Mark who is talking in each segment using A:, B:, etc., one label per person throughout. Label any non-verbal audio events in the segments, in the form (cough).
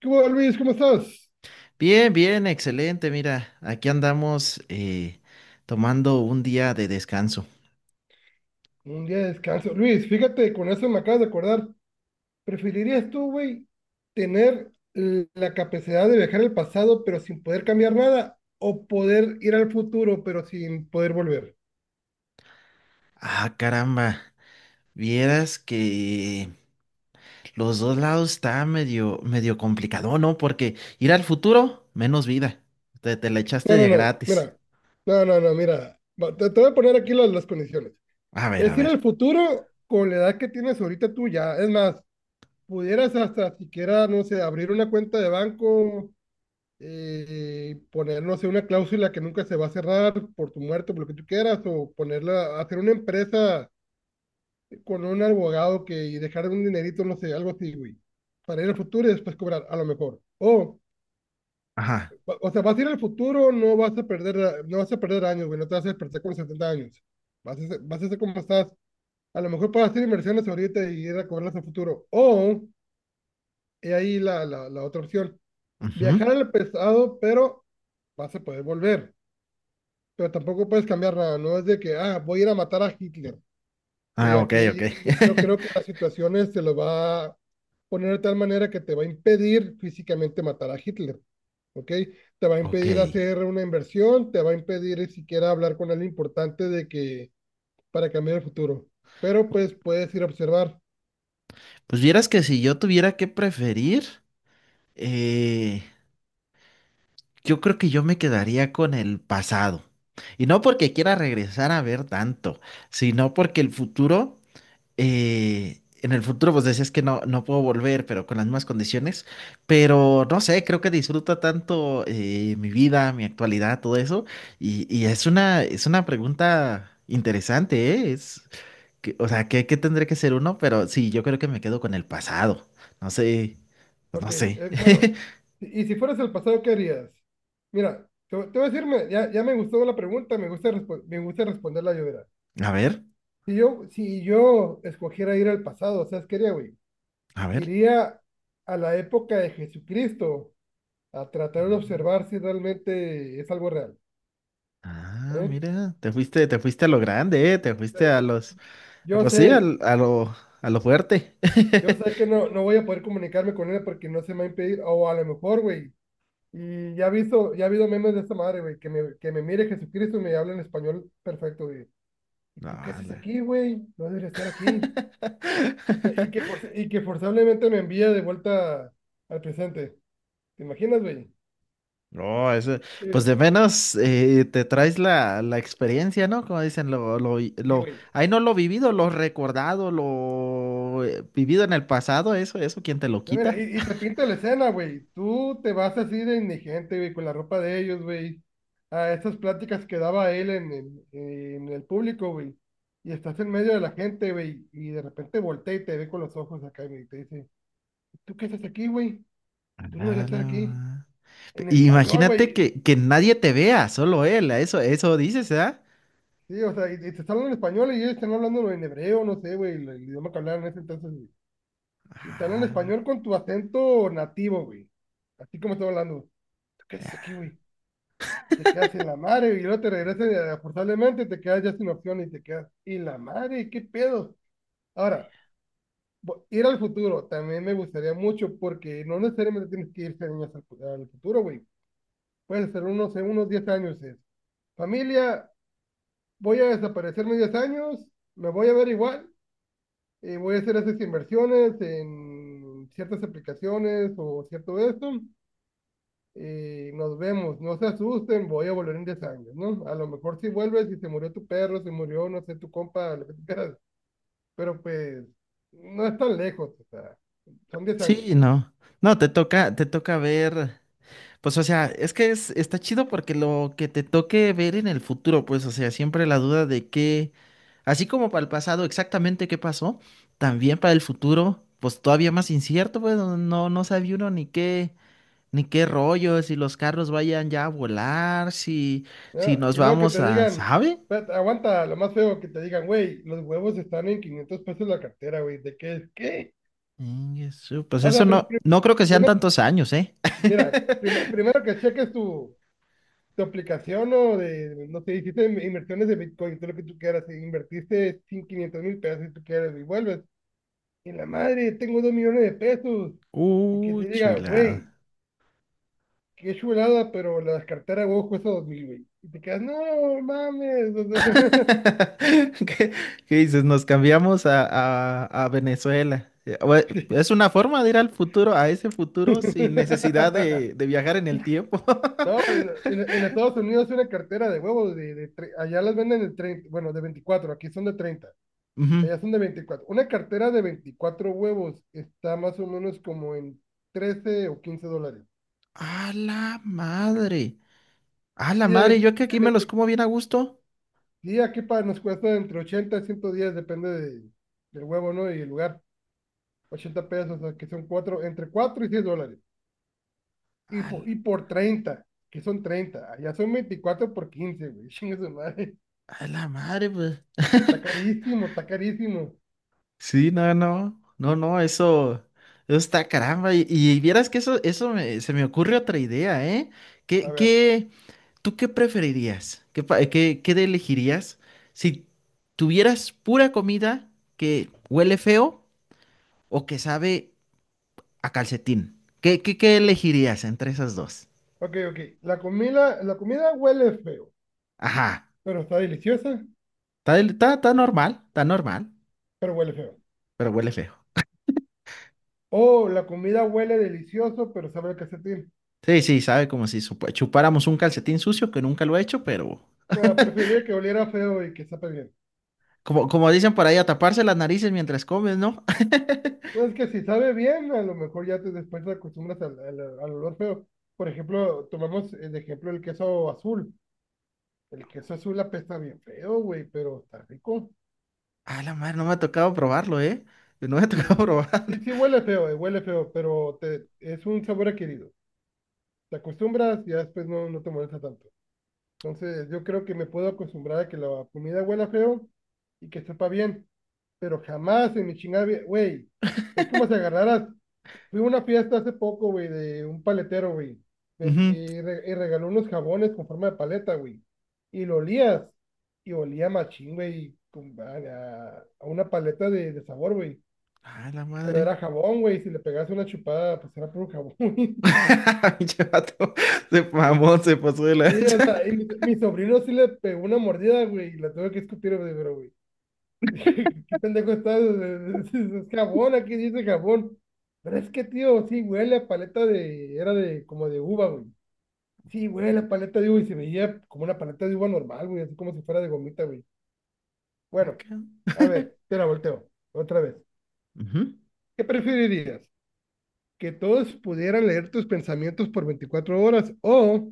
A: ¿Qué hubo, Luis? ¿Cómo estás?
B: Bien, bien, excelente. Mira, aquí andamos tomando un día de descanso.
A: Un día de descanso. Luis, fíjate, con eso me acabas de acordar. ¿Preferirías tú, güey, tener la capacidad de viajar al pasado pero sin poder cambiar nada? ¿O poder ir al futuro pero sin poder volver?
B: Ah, caramba. Vieras que los dos lados está medio complicado, ¿no? Porque ir al futuro, menos vida. Te la echaste
A: No, no,
B: de
A: no,
B: gratis.
A: mira. No, no, no, mira. Va, te voy a poner aquí las condiciones.
B: A ver, a
A: Es ir
B: ver.
A: al futuro con la edad que tienes ahorita tú ya. Es más, pudieras hasta siquiera, no sé, abrir una cuenta de banco, poner, no sé, una cláusula que nunca se va a cerrar por tu muerte, por lo que tú quieras, o ponerla, hacer una empresa con un abogado que, y dejar un dinerito, no sé, algo así, güey, para ir al futuro y después cobrar, a lo mejor.
B: Ajá.
A: O sea, vas a ir al futuro, no vas a perder, no vas a perder años, güey, no te vas a despertar con 70 años. Vas a ser como estás. A lo mejor puedes hacer inversiones ahorita y ir a cobrarlas al futuro. O, he ahí la otra opción,
B: Ujú.
A: viajar al pasado, pero vas a poder volver. Pero tampoco puedes cambiar nada, no es de que, ah, voy a ir a matar a Hitler. Y
B: Ah, ok, ok.
A: aquí yo creo que
B: (laughs)
A: las situaciones se lo va a poner de tal manera que te va a impedir físicamente matar a Hitler, ¿ok? Te va a
B: Ok.
A: impedir hacer una inversión, te va a impedir siquiera hablar con alguien importante de que para cambiar el futuro. Pero pues puedes ir a observar.
B: Pues vieras que si yo tuviera que preferir, eh, yo creo que yo me quedaría con el pasado. Y no porque quiera regresar a ver tanto, sino porque el futuro, en el futuro pues decías que no, no puedo volver, pero con las mismas condiciones. Pero no sé, creo que disfruto tanto mi vida, mi actualidad, todo eso. Y es es una pregunta interesante, ¿eh? O sea, ¿qué, qué tendré que ser uno? Pero sí, yo creo que me quedo con el pasado. No sé, pues
A: Ok,
B: no sé. (laughs)
A: bueno, y si fueras el pasado, ¿qué harías? Mira, te voy a decirme, ya me gustó la pregunta, me gusta, me gusta responderla yo.
B: A ver,
A: Si yo, si yo escogiera ir al pasado, ¿sabes qué haría, güey?
B: a
A: Iría a la época de Jesucristo a tratar de
B: ver.
A: observar si realmente es algo real,
B: Ah,
A: ¿eh?
B: mira, te fuiste a lo grande, te
A: O sea,
B: fuiste a
A: Yo
B: ah,
A: yo
B: pues sí,
A: sé,
B: a a lo fuerte.
A: yo
B: (laughs)
A: sé que no, no voy a poder comunicarme con él porque no se me va a impedir, o a lo mejor, güey, y ya he visto, ya ha habido memes de esta madre, güey, que me mire Jesucristo y me hable en español perfecto, güey. ¿Y
B: No,
A: tú qué haces
B: la-
A: aquí, güey? No debería estar aquí. Y que, y que,
B: (laughs)
A: forz- y que forzablemente me envía de vuelta al presente. ¿Te imaginas, güey?
B: no, eso,
A: Sí,
B: pues de menos te traes la experiencia, ¿no? Como dicen,
A: sí, güey.
B: ahí no lo vivido, lo recordado, lo vivido en el pasado, eso, ¿quién te lo
A: No, mira.
B: quita?
A: Y te pinta la escena, güey. Tú te vas así de indigente, güey, con la ropa de ellos, güey. A esas pláticas que daba él en el público, güey. Y estás en medio de la gente, güey. Y de repente voltea y te ve con los ojos acá, güey. Y te dice, ¿tú qué haces aquí, güey? Tú no
B: A
A: deberías
B: la
A: estar aquí.
B: ma-
A: En español,
B: Imagínate
A: güey.
B: que nadie te vea, solo él, eso dices,
A: Sí, o sea, y te están hablando en español y ellos están hablando en hebreo, no sé, güey, el idioma que hablaban en ese entonces, güey. Y te hablan en
B: ¿ah?
A: español con tu acento nativo, güey. Así como estoy hablando. ¿Tú qué haces aquí, güey? Te quedas en la madre y luego te regresas forzablemente, te quedas ya sin opción y te quedas y la madre, qué pedo. Ahora, ir al futuro también me gustaría mucho porque no necesariamente tienes que irse años al futuro, güey. Puede ser unos 10 años. Es, familia, voy a desaparecerme 10 años, me voy a ver igual y voy a hacer esas inversiones en ciertas aplicaciones o cierto esto y nos vemos. No se asusten, voy a volver en 10 años, ¿no? A lo mejor si vuelves y se murió tu perro, se murió, no sé, tu compa, lo que tú quieras, pero pues no es tan lejos, o sea, son 10 años,
B: Sí, no. No, te toca ver. Pues, o sea, está chido porque lo que te toque ver en el futuro, pues, o sea, siempre la duda de qué, así como para el pasado, exactamente qué pasó, también para el futuro, pues todavía más incierto, pues, no, no sabía uno ni qué, ni qué rollo, si los carros vayan ya a volar, si, si
A: ¿no?
B: nos
A: Y luego que
B: vamos
A: te
B: a,
A: digan,
B: ¿sabe?
A: espérate, aguanta, lo más feo que te digan, güey, los huevos están en 500 pesos la cartera, güey, ¿de qué es? ¿Qué?
B: Pues
A: O
B: eso
A: sea,
B: no, no creo que sean
A: primero,
B: tantos años, ¿eh?
A: mira,
B: (laughs)
A: primero que cheques tu... tu aplicación o de, no sé, hiciste inversiones de Bitcoin, todo lo que tú quieras, e invertiste 500,000 pesos si tú quieres y vuelves. Y la madre, tengo 2 millones de pesos. Y que te diga,
B: Chulada.
A: güey, qué chulada, pero la cartera, güey, cuesta 2000, güey. Y te quedas, no, mames. O sea,
B: (laughs) ¿Qué, qué dices? Nos cambiamos a, a Venezuela.
A: (laughs) sí.
B: Es una forma de ir al futuro, a ese futuro, sin necesidad de
A: (laughs)
B: viajar en el tiempo.
A: No,
B: (laughs)
A: en Estados Unidos una cartera de huevos, allá las venden de 30, bueno, de 24, aquí son de 30,
B: Ujú.
A: allá son de 24. Una cartera de 24 huevos está más o menos como en 13 o 15 dólares.
B: A la madre. A la
A: Y de,
B: madre, yo que aquí me los
A: 20.
B: como bien a gusto.
A: Sí, aquí para nos cuesta entre 80 y 110, depende del huevo, ¿no? Y el lugar. 80 pesos, o sea, que son cuatro, entre 4 y $6. Y,
B: A la,
A: y por 30, que son 30. Allá son 24 por 15, güey. (laughs) Chingue su madre.
B: a la madre, pues.
A: Está
B: (laughs)
A: carísimo, está carísimo.
B: Sí, no, no. No, no, eso está caramba. Y vieras que eso, se me ocurre otra idea, ¿eh?
A: A
B: ¿Qué,
A: ver,
B: qué? ¿Tú qué preferirías? ¿Qué, qué elegirías si tuvieras pura comida que huele feo o que sabe a calcetín? ¿Qué, qué, qué elegirías entre esas dos?
A: ok, ok. La comida huele feo,
B: Ajá.
A: pero está deliciosa,
B: Está, está, está normal,
A: pero huele feo.
B: pero huele feo.
A: O la comida huele delicioso, pero sabe a calcetín.
B: Sí, sí, sabe como si chupáramos un calcetín sucio que nunca lo he hecho, pero
A: No, preferiría que oliera feo y que sepa bien.
B: como, como dicen por ahí, a taparse las narices mientras comes, ¿no? (laughs)
A: No, es que si sabe bien, a lo mejor ya te después te acostumbras al olor feo. Por ejemplo, tomamos el ejemplo el queso azul. El queso azul apesta bien feo, güey, pero está rico.
B: Ah, la madre, no me ha tocado probarlo, ¿eh? No me ha
A: Sí,
B: tocado (laughs)
A: sí,
B: probarlo.
A: sí huele feo, pero te, es un sabor adquirido. Te acostumbras y ya después no, no te molesta tanto. Entonces, yo creo que me puedo acostumbrar a que la comida huela feo y que sepa bien, pero jamás en mi chingada, güey, es como si agarraras. Fui a una fiesta hace poco, güey, de un paletero, güey.
B: Ujú.
A: Y, y regaló unos jabones con forma de paleta, güey. Y lo olías. Y olía machín, güey, a, a una paleta de sabor, güey.
B: Ah, la
A: Pero
B: madre.
A: era jabón, güey. Si le pegas una chupada, pues era puro jabón, (laughs) güey.
B: (laughs) Pinche vato, se mamó, se pasó de
A: Sí, o
B: lanza.
A: sea, y mi sobrino sí le pegó una mordida, güey. Y la tuve que escupir, güey, pero, güey. (laughs) ¿Qué pendejo estás? (laughs) Es, es jabón, aquí dice jabón. Pero es que, tío, sí huele a paleta de... Era de como de uva, güey. Sí, güey, la paleta de uva y se veía como una paleta de uva normal, güey, así como si fuera de gomita, güey. Bueno,
B: Acá.
A: a ver, te la volteo otra vez.
B: Ujú.
A: ¿Qué preferirías? ¿Que todos pudieran leer tus pensamientos por 24 horas o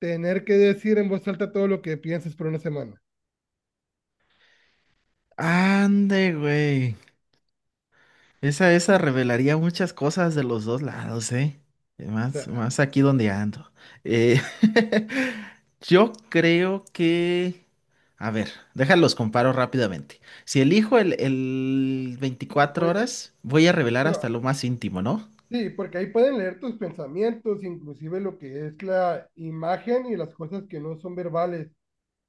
A: tener que decir en voz alta todo lo que piensas por una semana?
B: Ande, güey. Esa revelaría muchas cosas de los dos lados, ¿eh? Y
A: O
B: más,
A: sea,
B: más aquí donde ando. Eh, (laughs) yo creo que... A ver, déjalos comparo rápidamente. Si elijo el
A: que
B: 24
A: puede,
B: horas, voy a revelar
A: pero
B: hasta lo más íntimo, ¿no?
A: sí, porque ahí pueden leer tus pensamientos, inclusive lo que es la imagen y las cosas que no son verbales.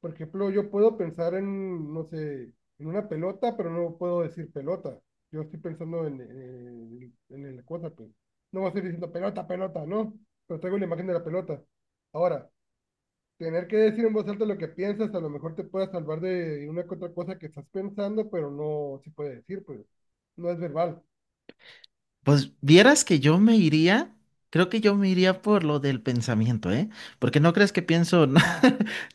A: Por ejemplo, yo puedo pensar en, no sé, en una pelota, pero no puedo decir pelota. Yo estoy pensando en la cosa, pues. No voy a estar diciendo pelota, pelota, ¿no? Pero traigo la imagen de la pelota. Ahora, tener que decir en voz alta lo que piensas, a lo mejor te pueda salvar de una que otra cosa que estás pensando, pero no se puede decir, pues. No es verbal.
B: Pues vieras que yo me iría, creo que yo me iría por lo del pensamiento, ¿eh? Porque no crees que pienso, (laughs) no,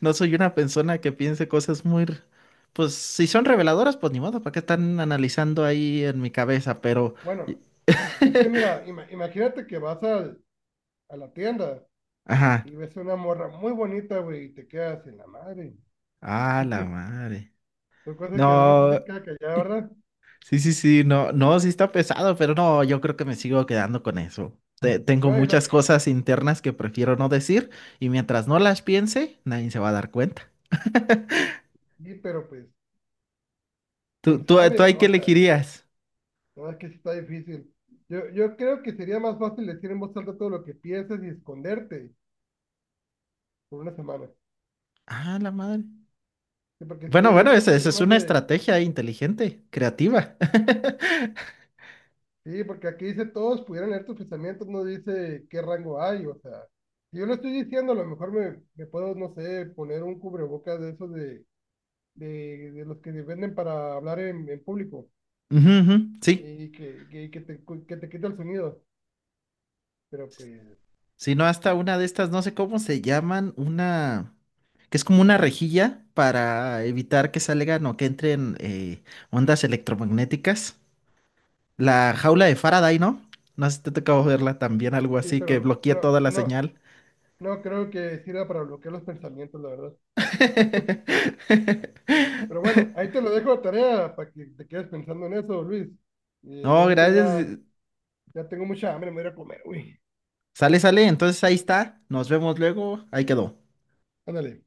B: no soy una persona que piense cosas muy, pues si son reveladoras, pues ni modo, ¿para qué están analizando ahí en mi cabeza? Pero,
A: Bueno, es que
B: (laughs)
A: mira, imagínate que vas a la tienda
B: ajá,
A: y ves una morra muy bonita, güey, y te quedas en la madre.
B: a la madre.
A: Son cosas que uno
B: No,
A: se queda callado, ¿verdad?
B: sí, sí, sí, no, no, sí está pesado, pero no, yo creo que me sigo quedando con eso. Tengo
A: No,
B: muchas cosas internas que prefiero no decir y mientras no las piense, nadie se va a dar cuenta.
A: pero pues,
B: ¿Tú,
A: quién
B: tú, tú
A: sabe,
B: ahí qué
A: o sea,
B: elegirías?
A: no es que sí está difícil. Yo creo que sería más fácil decir en voz alta todo lo que piensas y esconderte por una semana.
B: Ah, la madre.
A: Sí, porque
B: Bueno,
A: sería, yo
B: bueno,
A: creo que
B: esa
A: sería
B: es
A: más
B: una
A: de,
B: estrategia inteligente, creativa. (laughs)
A: sí, porque aquí dice todos pudieran leer tus pensamientos, no dice qué rango hay, o sea, si yo lo estoy diciendo, a lo mejor me puedo, no sé, poner un cubrebocas de esos de, de los que venden para hablar en público
B: Ujú, ujú, sí,
A: y que te, que te quita el sonido, pero pues,
B: si no, hasta una de estas, no sé cómo se llaman, una que es como una rejilla para evitar que salgan o que entren ondas electromagnéticas. La jaula de Faraday, ¿no? No sé si te tocó verla también, algo
A: sí,
B: así
A: pero
B: que
A: no,
B: bloquea
A: no.
B: toda la señal.
A: No creo que sirva para bloquear los pensamientos, la verdad.
B: (laughs)
A: Pero bueno, ahí te lo dejo a tarea para que te quedes pensando en eso, Luis. Yo
B: No,
A: ahorita ya,
B: gracias.
A: ya tengo mucha hambre, me voy a ir a comer, güey.
B: Sale, sale, entonces ahí está. Nos vemos luego. Ahí quedó.
A: Ándale.